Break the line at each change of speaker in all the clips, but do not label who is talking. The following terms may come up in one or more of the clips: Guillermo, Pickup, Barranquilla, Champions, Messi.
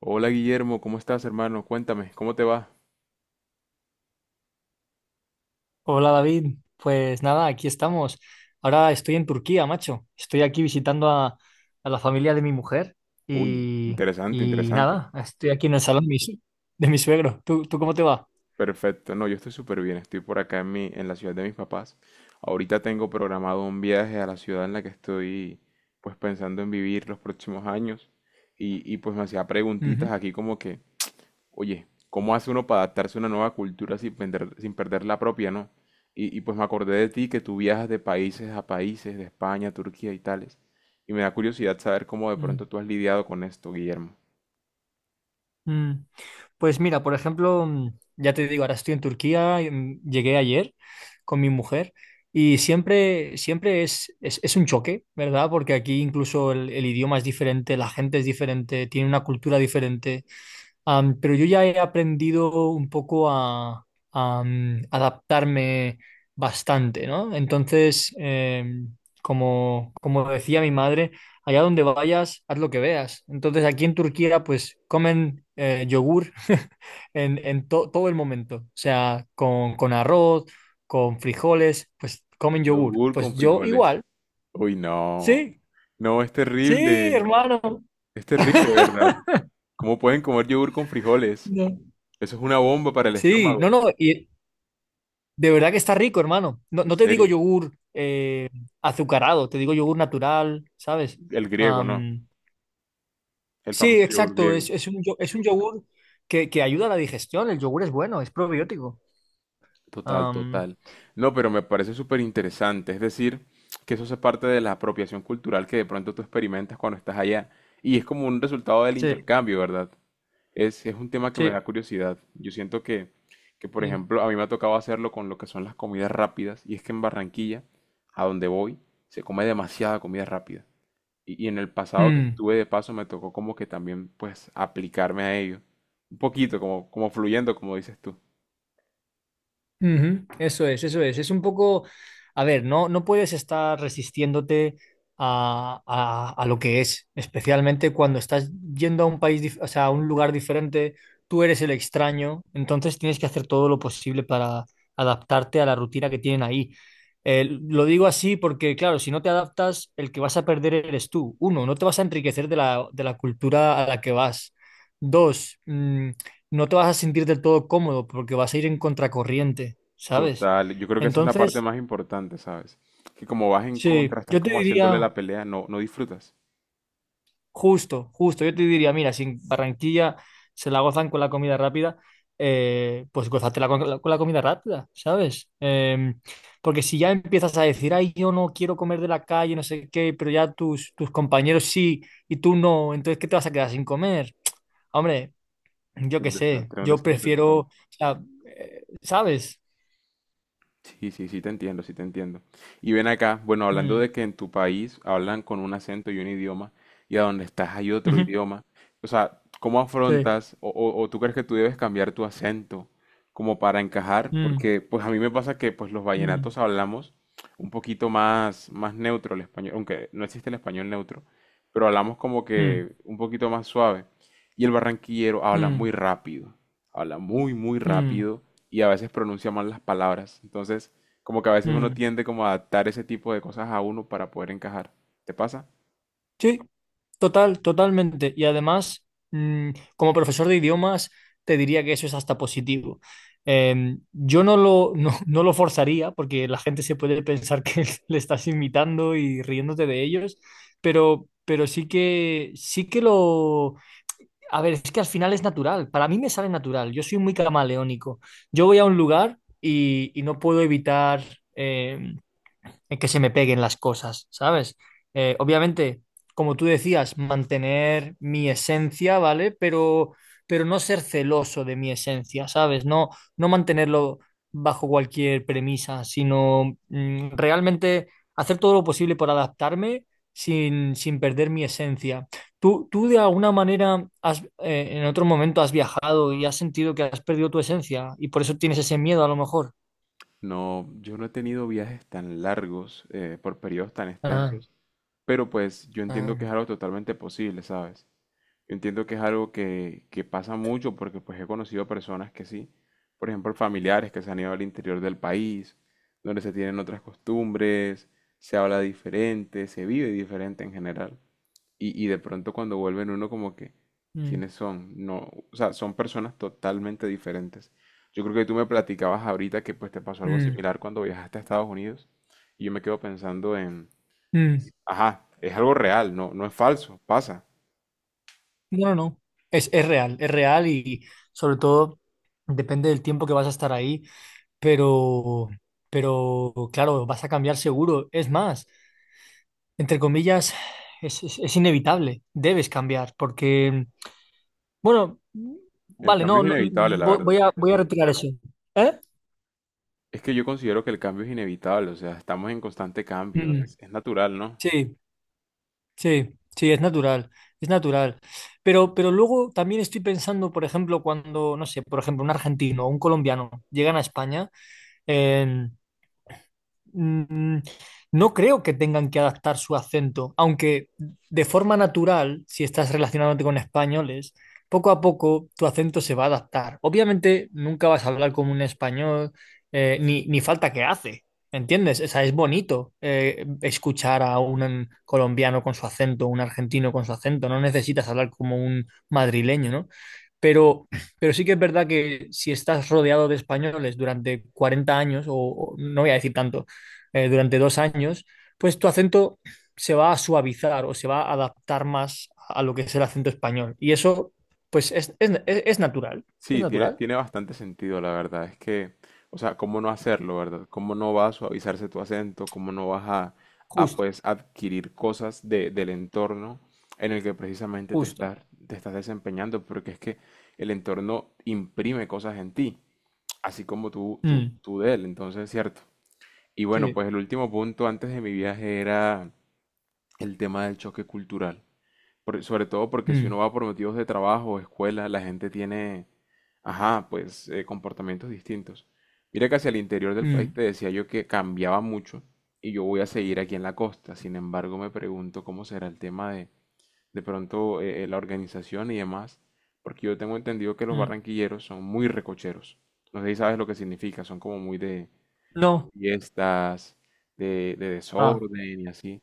Hola Guillermo, ¿cómo estás, hermano? Cuéntame, ¿cómo te va?
Hola David, pues nada, aquí estamos. Ahora estoy en Turquía, macho. Estoy aquí visitando a la familia de mi mujer
Uy,
y,
interesante,
y
interesante.
nada, estoy aquí en el salón de de mi suegro. ¿Tú cómo te va?
Perfecto, no, yo estoy súper bien, estoy por acá en la ciudad de mis papás. Ahorita tengo programado un viaje a la ciudad en la que estoy, pues pensando en vivir los próximos años. Y pues me hacía preguntitas
Ujú.
aquí como que. Oye, ¿cómo hace uno para adaptarse a una nueva cultura sin perder la propia, no? Y pues me acordé de ti que tú viajas de países a países, de España, Turquía y tales. Y me da curiosidad saber cómo de
Mm,
pronto tú has lidiado con esto, Guillermo.
mm. Pues mira, por ejemplo, ya te digo, ahora estoy en Turquía, llegué ayer con mi mujer y siempre es, es un choque, ¿verdad? Porque aquí incluso el idioma es diferente, la gente es diferente, tiene una cultura diferente. Pero yo ya he aprendido un poco a adaptarme bastante, ¿no? Entonces, como, como decía mi madre, allá donde vayas, haz lo que veas. Entonces, aquí en Turquía, pues comen yogur en, todo el momento, o sea, con arroz, con frijoles, pues comen yogur.
Yogur con
Pues yo
frijoles.
igual,
Uy, no.
sí,
No, es
sí,
terrible.
hermano.
Es terrible, ¿verdad? ¿Cómo pueden comer yogur con frijoles?
No.
Eso es una bomba para el
Sí,
estómago.
no, no, y, de verdad que está rico, hermano. No,
En
no te digo
serio.
yogur azucarado, te digo yogur natural, ¿sabes?
El griego, ¿no?
Am,
El
sí,
famoso yogur
exacto.
griego.
Es, es un yogur que ayuda a la digestión. El yogur es bueno, es probiótico.
Total,
Am,
total. No, pero me parece súper interesante. Es decir, que eso es parte de la apropiación cultural que de pronto tú experimentas cuando estás allá. Y es como un resultado del
sí,
intercambio, ¿verdad? Es un tema que me da
sí.
curiosidad. Yo siento que, por
Sí.
ejemplo, a mí me ha tocado hacerlo con lo que son las comidas rápidas. Y es que en Barranquilla, a donde voy, se come demasiada comida rápida. Y en el pasado que
Mm.
estuve de paso me tocó como que también, pues, aplicarme a ello. Un poquito, como fluyendo, como dices tú.
Ujú. Eso es, eso es. Es un poco, a ver, no, no puedes estar resistiéndote a lo que es, especialmente cuando estás yendo a un o sea, a un lugar diferente, tú eres el extraño, entonces tienes que hacer todo lo posible para adaptarte a la rutina que tienen ahí. Lo digo así porque, claro, si no te adaptas, el que vas a perder eres tú. Uno, no te vas a enriquecer de de la cultura a la que vas. Dos, no te vas a sentir del todo cómodo porque vas a ir en contracorriente, ¿sabes?
Total, yo creo que esa es la parte
Entonces,
más importante, ¿sabes? Que como vas en
sí,
contra, estás
yo te
como haciéndole
diría,
la pelea, no, no disfrutas.
justo, justo, yo te diría, mira, si en Barranquilla se la gozan con la comida rápida, pues gózatela con la comida rápida, ¿sabes? Porque si ya empiezas a decir, ay, yo no quiero comer de la calle, no sé qué, pero ya tus compañeros sí y tú no, entonces, ¿qué te vas a quedar sin comer? Hombre, yo qué sé,
Un
yo
desastre
prefiero,
total.
o sea, ¿sabes?
Sí, sí, sí te entiendo, sí te entiendo. Y ven acá, bueno, hablando
Mm,
de que en tu país hablan con un acento y un idioma, y a donde estás hay otro
ujú,
idioma, o sea, ¿cómo
sí.
afrontas o tú crees que tú debes cambiar tu acento como para encajar?
Mm,
Porque pues a mí me pasa que pues los
mm,
vallenatos hablamos un poquito más neutro el español, aunque no existe el español neutro, pero hablamos como
mm,
que un poquito más suave. Y el barranquillero habla
mm,
muy rápido. Habla muy, muy
mm,
rápido y a veces pronuncia mal las palabras. Entonces, como que a veces uno
mm.
tiende como a adaptar ese tipo de cosas a uno para poder encajar. ¿Te pasa?
Sí, total, totalmente. Y además, mm, como profesor de idiomas, te diría que eso es hasta positivo. Yo no lo, no, no lo forzaría porque la gente se puede pensar que le estás imitando y riéndote de ellos, pero sí que lo... A ver, es que al final es natural. Para mí me sale natural. Yo soy muy camaleónico. Yo voy a un lugar y no puedo evitar... em, en que se me peguen las cosas, ¿sabes? Obviamente, como tú decías, mantener mi esencia, ¿vale? Pero no ser celoso de mi esencia, ¿sabes? No, no mantenerlo bajo cualquier premisa, sino realmente hacer todo lo posible por adaptarme sin, sin perder mi esencia. ¿Tú de alguna manera has, en otro momento has viajado y has sentido que has perdido tu esencia y por eso tienes ese miedo a lo mejor?
No, yo no he tenido viajes tan largos, por periodos tan
Ah,
extensos, pero pues yo entiendo
ah,
que es algo totalmente posible, ¿sabes? Yo entiendo que es algo que pasa mucho porque pues he conocido personas que sí, por ejemplo, familiares que se han ido al interior del país, donde se tienen otras costumbres, se habla diferente, se vive diferente en general. Y de pronto cuando vuelven uno como que,
mm,
¿quiénes son? No, o sea, son personas totalmente diferentes. Yo creo que tú me platicabas ahorita que pues te pasó algo
mm.
similar cuando viajaste a Estados Unidos y yo me quedo pensando en,
Mm,
ajá, es algo real, no, no es falso, pasa.
No, no, no. Es real y sobre todo depende del tiempo que vas a estar ahí, pero, pero claro, vas a cambiar seguro. Es más, entre comillas, es inevitable, debes cambiar, porque, bueno,
El
vale,
cambio
no,
es
no,
inevitable, la verdad.
voy a retirar eso. ¿Eh?
Es que yo considero que el cambio es inevitable, o sea, estamos en constante cambio,
Mm,
es natural, ¿no?
sí, sí, sí, es natural, es natural. Pero luego también estoy pensando, por ejemplo, cuando, no sé, por ejemplo, un argentino o un colombiano llegan a España. En Mm, No creo que tengan que adaptar su acento, aunque de forma natural, si estás relacionándote con españoles, poco a poco tu acento se va a adaptar. Obviamente nunca vas a hablar como un español, ni falta que hace, ¿entiendes? O sea, es bonito escuchar a un colombiano con su acento, un argentino con su acento, no necesitas hablar como un madrileño, ¿no? Pero, pero sí que es verdad que si estás rodeado de españoles durante 40 años, o no voy a decir tanto, durante 2 años, pues tu acento se va a suavizar o se va a adaptar más a lo que es el acento español. Y eso, pues, es, es natural, es
Sí, tiene,
natural.
tiene bastante sentido, la verdad. Es que, o sea, ¿cómo no hacerlo, verdad? ¿Cómo no vas a suavizarse tu acento? ¿Cómo no vas a,
Justo,
pues, adquirir cosas del entorno en el que precisamente te
justo.
estás, te estás desempeñando? Porque es que el entorno imprime cosas en ti, así como tú, tú,
Mm,
tú de él, entonces, ¿cierto? Y bueno,
sí.
pues el último punto antes de mi viaje era el tema del choque cultural sobre todo porque si uno
Mm,
va por motivos de trabajo o escuela, la gente tiene, ajá, pues comportamientos distintos. Mira que hacia el interior del país
mm,
te decía yo que cambiaba mucho y yo voy a seguir aquí en la costa. Sin embargo, me pregunto cómo será el tema de pronto la organización y demás, porque yo tengo entendido que los
mm.
barranquilleros son muy recocheros. No sé si sabes lo que significa, son como muy de
No.
fiestas, de
Ah,
desorden y así.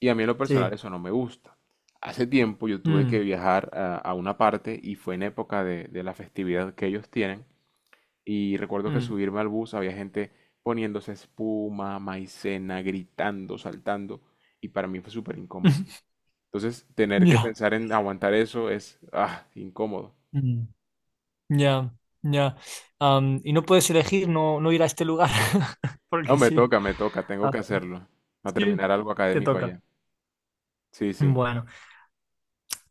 Y a mí en lo personal
sí.
eso no me gusta. Hace tiempo yo tuve que
Mm,
viajar a una parte y fue en época de la festividad que ellos tienen. Y recuerdo que
mm.
subirme al bus había gente poniéndose espuma, maicena, gritando, saltando. Y para mí fue súper incómodo. Entonces, tener que
Ya.
pensar en aguantar eso es, incómodo.
Mm, Ya, ya. Y no puedes elegir no, no ir a este lugar,
No,
porque sí.
me toca, tengo
Ah,
que hacerlo. Va a
sí,
terminar algo
te
académico
toca.
allá. Sí, sí.
Bueno.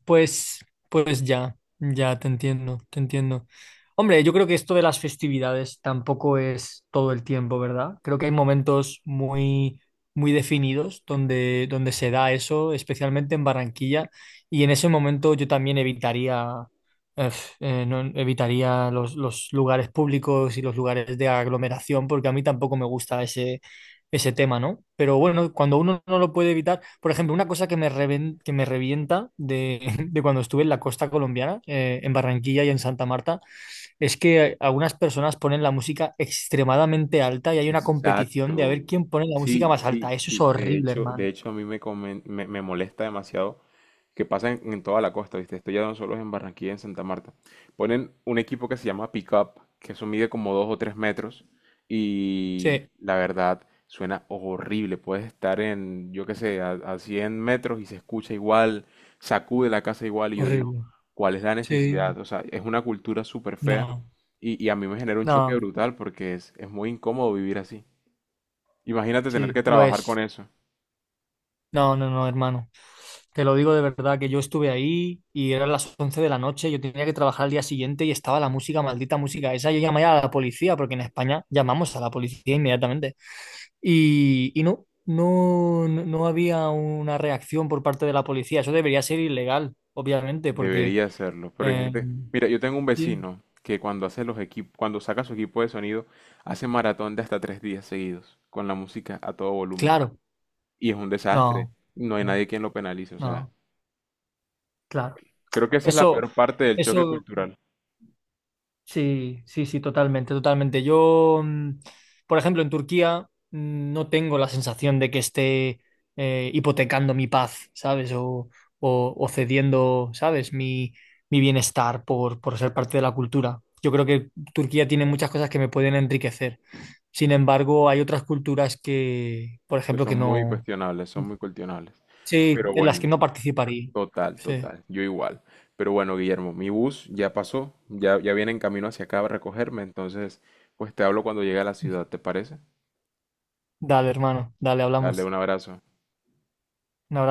Pues, pues ya, ya te entiendo, te entiendo. Hombre, yo creo que esto de las festividades tampoco es todo el tiempo, ¿verdad? Creo que hay momentos muy, muy definidos donde, donde se da eso, especialmente en Barranquilla, y en ese momento yo también evitaría, ef, no- evitaría los lugares públicos y los lugares de aglomeración, porque a mí tampoco me gusta ese tema, ¿no? Pero bueno, cuando uno no lo puede evitar, por ejemplo, una cosa que que me revienta de, de cuando estuve en la costa colombiana, en Barranquilla y en Santa Marta, es que algunas personas ponen la música extremadamente alta y hay una competición de a
Exacto.
ver quién pone la música
Sí,
más
sí,
alta. Eso es
sí. De
horrible,
hecho, de
hermano.
hecho a mí me molesta demasiado que pasa en toda la costa, ¿viste? Esto ya no solo es en Barranquilla, en Santa Marta. Ponen un equipo que se llama Pickup, que eso mide como 2 o 3 metros y
Sí,
la verdad suena horrible. Puedes estar en, yo qué sé, a 100 metros y se escucha igual, sacude la casa igual y yo digo,
horrible.
¿cuál es la
Sí,
necesidad? O sea, es una cultura súper fea
no,
y a mí me genera un choque
no,
brutal porque es muy incómodo vivir así. Imagínate tener que
sí, lo
trabajar con
es.
eso.
No, no, no, hermano. Te lo digo de verdad, que yo estuve ahí y eran las 11 de la noche, yo tenía que trabajar al día siguiente y estaba la música, maldita música esa. Yo llamé a la policía, porque en España llamamos a la policía inmediatamente. Y no, no, no había una reacción por parte de la policía. Eso debería ser ilegal, obviamente, porque...
Debería hacerlo. Pero hay
eh,
gente. Mira, yo tengo un
sí,
vecino que cuando hace los equipos, cuando saca su equipo de sonido, hace maratón de hasta 3 días seguidos, con la música a todo volumen.
claro,
Y es un desastre.
no,
No hay
no,
nadie quien lo penalice. O sea,
no, claro.
creo que esa es la
Eso,
peor parte del choque
eso,
cultural,
sí, sí, sí, totalmente, totalmente. Yo, por ejemplo, en Turquía no tengo la sensación de que esté hipotecando mi paz, ¿sabes? O cediendo, ¿sabes? Mi bienestar por ser parte de la cultura. Yo creo que Turquía tiene muchas cosas que me pueden enriquecer. Sin embargo, hay otras culturas que, por
que
ejemplo,
son
que
muy
no...
cuestionables, son muy cuestionables.
Sí,
Pero
en las que
bueno,
no participaría.
total,
Sí.
total, yo igual. Pero bueno, Guillermo, mi bus ya pasó, ya viene en camino hacia acá a recogerme, entonces pues te hablo cuando llegue a la ciudad, ¿te parece?
Dale, hermano, dale,
Dale
hablamos.
un abrazo.
Un abrazo.